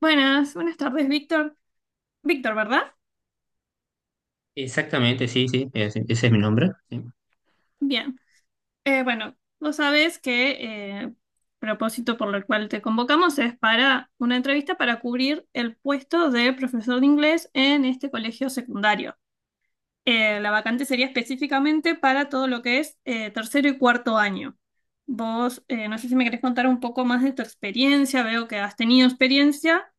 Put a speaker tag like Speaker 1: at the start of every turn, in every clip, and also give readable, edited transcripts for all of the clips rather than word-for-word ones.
Speaker 1: Buenas, buenas tardes, Víctor. Víctor, ¿verdad?
Speaker 2: Exactamente, sí, sí, ese es mi nombre. Sí.
Speaker 1: Bien. Bueno, vos sabes que propósito por el cual te convocamos es para una entrevista para cubrir el puesto de profesor de inglés en este colegio secundario. La vacante sería específicamente para todo lo que es tercero y cuarto año. Vos, no sé si me querés contar un poco más de tu experiencia, veo que has tenido experiencia.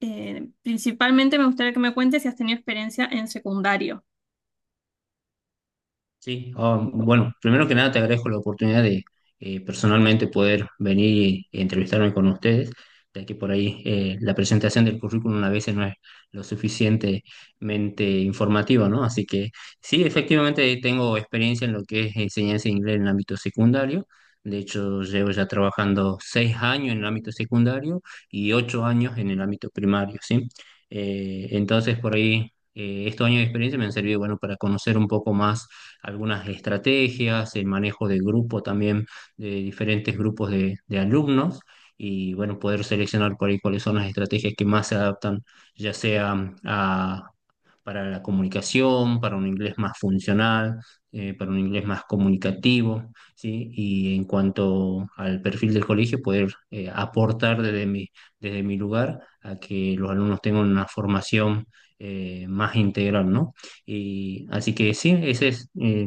Speaker 1: Principalmente me gustaría que me cuentes si has tenido experiencia en secundario.
Speaker 2: Sí, ah, bueno, primero que nada te agradezco la oportunidad de personalmente poder venir y entrevistarme con ustedes, ya que por ahí la presentación del currículum a veces no es lo suficientemente informativa, ¿no? Así que sí, efectivamente tengo experiencia en lo que es enseñanza de inglés en el ámbito secundario. De hecho, llevo ya trabajando 6 años en el ámbito secundario y 8 años en el ámbito primario, ¿sí? Entonces, por ahí, estos años de experiencia me han servido, bueno, para conocer un poco más algunas estrategias, el manejo de grupo también, de diferentes grupos de alumnos y bueno, poder seleccionar por ahí cuáles son las estrategias que más se adaptan, ya sea a para la comunicación, para un inglés más funcional, para un inglés más comunicativo, ¿sí? Y en cuanto al perfil del colegio, poder aportar desde mi lugar a que los alumnos tengan una formación más integral, ¿no? Y así que sí, esa es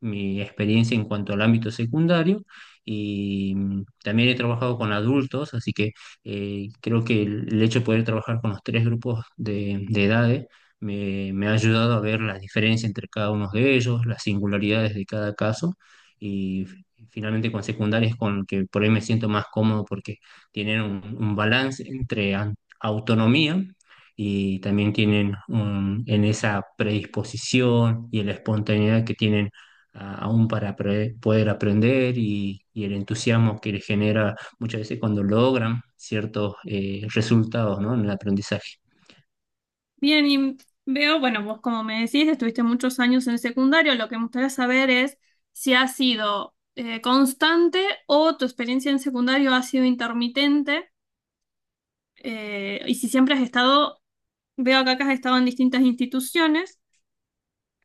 Speaker 2: mi experiencia en cuanto al ámbito secundario. Y también he trabajado con adultos, así que creo que el hecho de poder trabajar con los tres grupos de edades me ha ayudado a ver las diferencias entre cada uno de ellos, las singularidades de cada caso y finalmente con secundarias con el que por ahí me siento más cómodo porque tienen un balance entre autonomía y también tienen en esa predisposición y en la espontaneidad que tienen aún para poder aprender y el entusiasmo que les genera muchas veces cuando logran ciertos resultados, ¿no?, en el aprendizaje.
Speaker 1: Bien, y veo, bueno, vos como me decís, estuviste muchos años en el secundario, lo que me gustaría saber es si ha sido constante o tu experiencia en secundario ha sido intermitente y si siempre has estado, veo acá que has estado en distintas instituciones,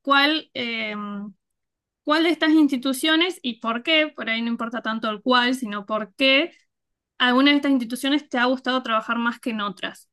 Speaker 1: ¿cuál, em, cuál de estas instituciones y por qué, por ahí no importa tanto el cuál, sino por qué alguna de estas instituciones te ha gustado trabajar más que en otras?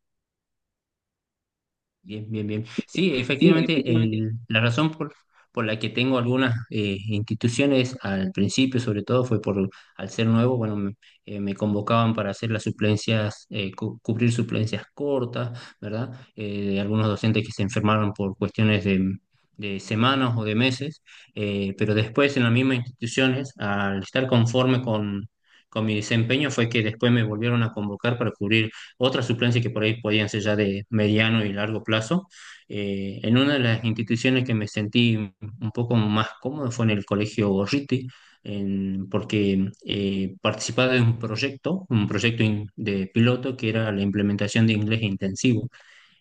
Speaker 2: Bien, bien, bien. Sí,
Speaker 1: Sí,
Speaker 2: efectivamente,
Speaker 1: efectivamente.
Speaker 2: la razón por la que tengo algunas instituciones al principio, sobre todo, fue por, al ser nuevo, bueno, me convocaban para hacer las suplencias, cubrir suplencias cortas, ¿verdad? De algunos docentes que se enfermaron por cuestiones de semanas o de meses, pero después en las mismas instituciones, al estar conforme con mi desempeño, fue que después me volvieron a convocar para cubrir otras suplencias que por ahí podían ser ya de mediano y largo plazo. En una de las instituciones que me sentí un poco más cómodo fue en el Colegio Gorriti, porque participaba de un proyecto de piloto que era la implementación de inglés intensivo.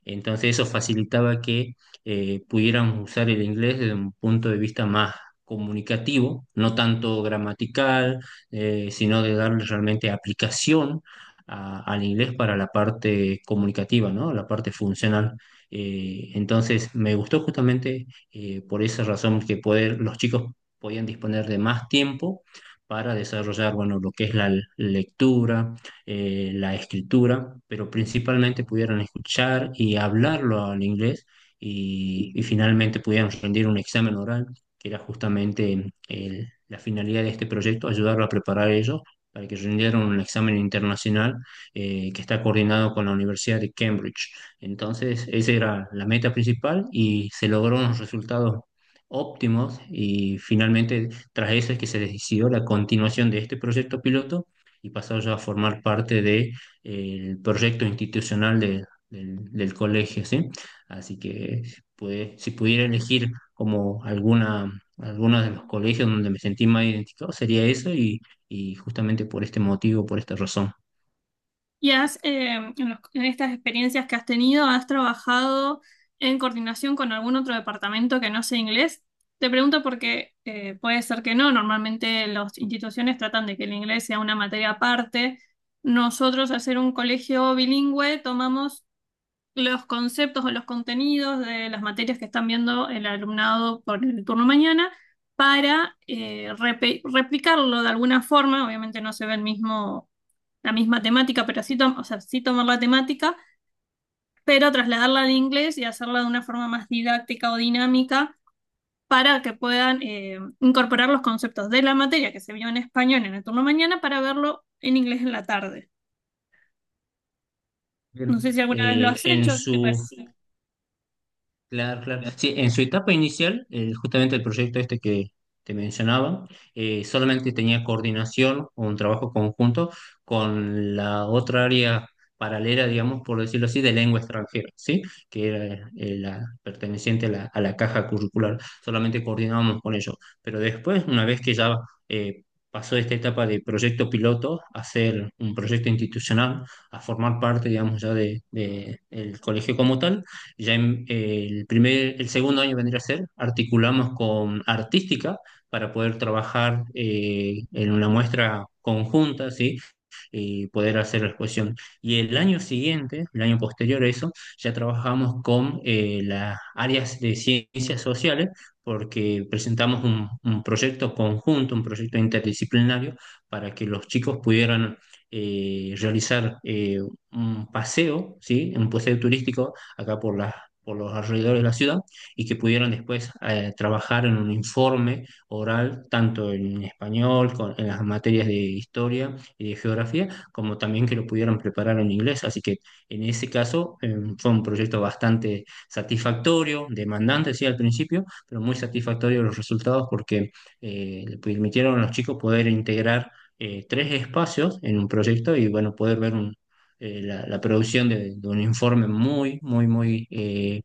Speaker 2: Entonces eso facilitaba que pudiéramos usar el inglés desde un punto de vista más comunicativo, no tanto gramatical, sino de darle realmente aplicación al inglés para la parte comunicativa, ¿no? La parte funcional. Entonces me gustó justamente por esa razón, que poder, los chicos podían disponer de más tiempo para desarrollar, bueno, lo que es la lectura, la escritura, pero principalmente pudieran escuchar y hablarlo al inglés
Speaker 1: Sí.
Speaker 2: y finalmente pudieran rendir un examen oral, que era justamente la finalidad de este proyecto, ayudarlo a preparar ellos para que rindieran un examen internacional que está coordinado con la Universidad de Cambridge. Entonces, esa era la meta principal y se lograron unos resultados óptimos y finalmente tras eso es que se decidió la continuación de este proyecto piloto y pasar ya a formar parte de el proyecto institucional del colegio, ¿sí? Así que pues, si pudiera elegir como alguna, algunos de los colegios donde me sentí más identificado, sería eso y justamente por este motivo, por esta razón.
Speaker 1: Y has, en estas experiencias que has tenido, ¿has trabajado en coordinación con algún otro departamento que no sea inglés? Te pregunto porque puede ser que no. Normalmente las instituciones tratan de que el inglés sea una materia aparte. Nosotros, al ser un colegio bilingüe, tomamos los conceptos o los contenidos de las materias que están viendo el alumnado por el turno mañana para replicarlo de alguna forma. Obviamente no se ve el mismo, la misma temática, pero sí, o sea, sí tomar la temática, pero trasladarla al inglés y hacerla de una forma más didáctica o dinámica para que puedan incorporar los conceptos de la materia que se vio en español en el turno mañana para verlo en inglés en la tarde.
Speaker 2: Bien.
Speaker 1: No sé si alguna vez lo
Speaker 2: Eh,
Speaker 1: has
Speaker 2: en
Speaker 1: hecho. ¿Si te
Speaker 2: su,
Speaker 1: parece?
Speaker 2: Claro, claro. Sí, en su etapa inicial, justamente el proyecto este que te mencionaba, solamente tenía coordinación o un trabajo conjunto con la otra área paralela, digamos, por decirlo así, de lengua extranjera, ¿sí? Que era la perteneciente a la caja curricular. Solamente coordinábamos con ellos. Pero después, una vez que ya eh, pasó esta etapa de proyecto piloto a ser un proyecto institucional, a formar parte, digamos, ya de- del colegio como tal, ya en el primer, el segundo año vendría a ser, articulamos con artística para poder trabajar en una muestra conjunta, ¿sí?, y poder hacer la exposición. Y el año siguiente, el año posterior a eso, ya trabajamos con las áreas de ciencias sociales porque presentamos un proyecto conjunto, un proyecto interdisciplinario para que los chicos pudieran realizar un paseo, ¿sí? Un paseo turístico acá por por los alrededores de la ciudad y que pudieran después trabajar en un informe oral, tanto en español, en las materias de historia y de geografía, como también que lo pudieran preparar en inglés. Así que en ese caso fue un proyecto bastante satisfactorio, demandante, sí, al principio, pero muy satisfactorio los resultados porque le permitieron a los chicos poder integrar tres espacios en un proyecto y bueno, poder ver un, la producción de un informe muy, muy, muy,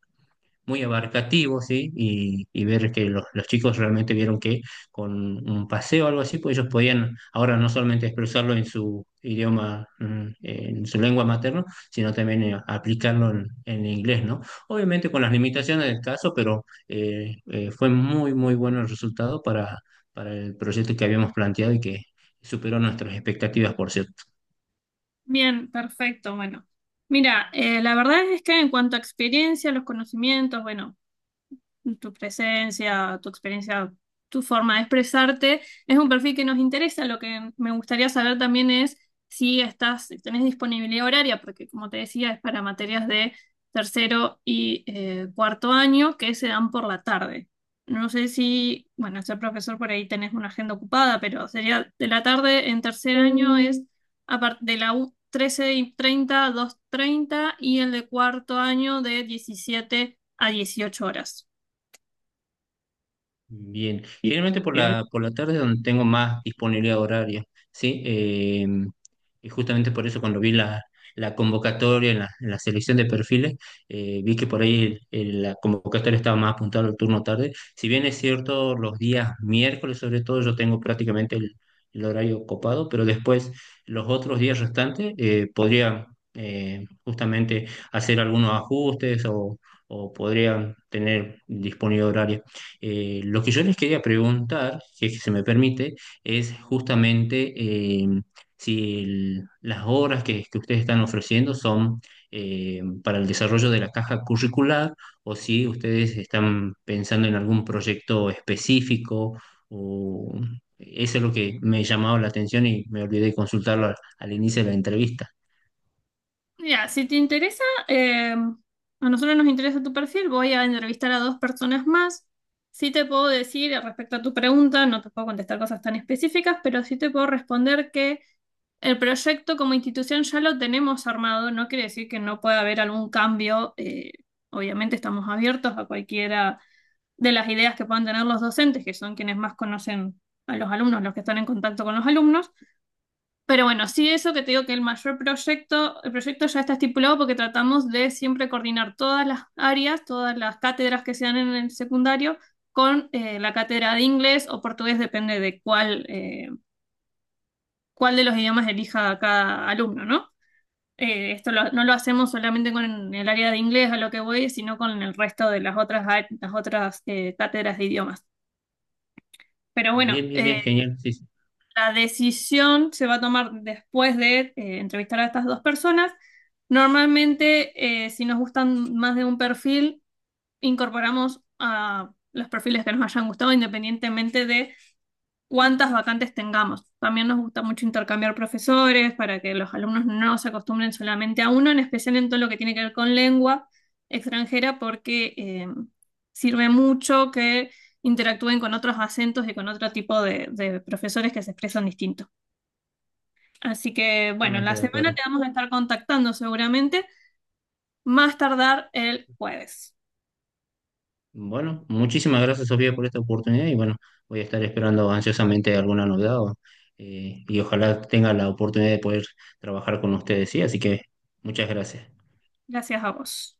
Speaker 2: muy abarcativo, ¿sí? Y y ver que los chicos realmente vieron que con un paseo o algo así, pues ellos podían ahora no solamente expresarlo en su idioma, en su lengua materna, sino también aplicarlo en inglés, ¿no? Obviamente con las limitaciones del caso, pero fue muy, muy bueno el resultado para el proyecto que habíamos planteado y que superó nuestras expectativas, por cierto.
Speaker 1: Bien, perfecto. Bueno, mira, la verdad es que en cuanto a experiencia, los conocimientos, bueno, tu presencia, tu experiencia, tu forma de expresarte. Es un perfil que nos interesa. Lo que me gustaría saber también es si tenés disponibilidad horaria, porque como te decía, es para materias de tercero y cuarto año que se dan por la tarde. No sé si, bueno, ser profesor por ahí tenés una agenda ocupada, pero sería de la tarde en tercer año es de la U 13 y 30 a 2:30 y el de cuarto año de 17 a 18 horas.
Speaker 2: Bien,
Speaker 1: Y
Speaker 2: generalmente por
Speaker 1: tiene-
Speaker 2: la tarde es donde tengo más disponibilidad horaria, ¿sí? Y justamente por eso, cuando vi la convocatoria en la selección de perfiles, vi que por ahí la convocatoria estaba más apuntada al turno tarde. Si bien es cierto, los días miércoles sobre todo yo tengo prácticamente el horario copado, pero después los otros días restantes podría justamente hacer algunos ajustes o podría tener disponibilidad horaria. Lo que yo les quería preguntar, si es que se me permite, es justamente si las obras que ustedes están ofreciendo son para el desarrollo de la caja curricular o si ustedes están pensando en algún proyecto específico, o eso es lo que me llamaba la atención y me olvidé consultarlo al inicio de la entrevista.
Speaker 1: Mira, si te interesa, a nosotros nos interesa tu perfil, voy a entrevistar a dos personas más. Sí te puedo decir respecto a tu pregunta, no te puedo contestar cosas tan específicas, pero sí te puedo responder que el proyecto como institución ya lo tenemos armado, no quiere decir que no pueda haber algún cambio. Obviamente estamos abiertos a cualquiera de las ideas que puedan tener los docentes, que son quienes más conocen a los alumnos, los que están en contacto con los alumnos. Pero bueno, sí, eso que te digo, que el mayor proyecto, el proyecto ya está estipulado porque tratamos de siempre coordinar todas las áreas, todas las cátedras que se dan en el secundario con la cátedra de inglés o portugués, depende de cuál de los idiomas elija cada alumno, ¿no? Esto no lo hacemos solamente con el área de inglés, a lo que voy, sino con el resto de las otras cátedras de idiomas. Pero bueno,
Speaker 2: Bien, bien, bien, genial, sí, sí,
Speaker 1: la decisión se va a tomar después de entrevistar a estas dos personas. Normalmente, si nos gustan más de un perfil, incorporamos a los perfiles que nos hayan gustado, independientemente de cuántas vacantes tengamos. También nos gusta mucho intercambiar profesores para que los alumnos no se acostumbren solamente a uno, en especial en todo lo que tiene que ver con lengua extranjera, porque sirve mucho que interactúen con otros acentos y con otro tipo de profesores que se expresan distintos. Así que, bueno, en
Speaker 2: totalmente
Speaker 1: la
Speaker 2: de
Speaker 1: semana
Speaker 2: acuerdo.
Speaker 1: te vamos a estar contactando seguramente, más tardar el jueves.
Speaker 2: Bueno, muchísimas gracias, Sofía, por esta oportunidad y bueno, voy a estar esperando ansiosamente alguna novedad o, y ojalá tenga la oportunidad de poder trabajar con ustedes, sí, así que muchas gracias.
Speaker 1: Gracias a vos.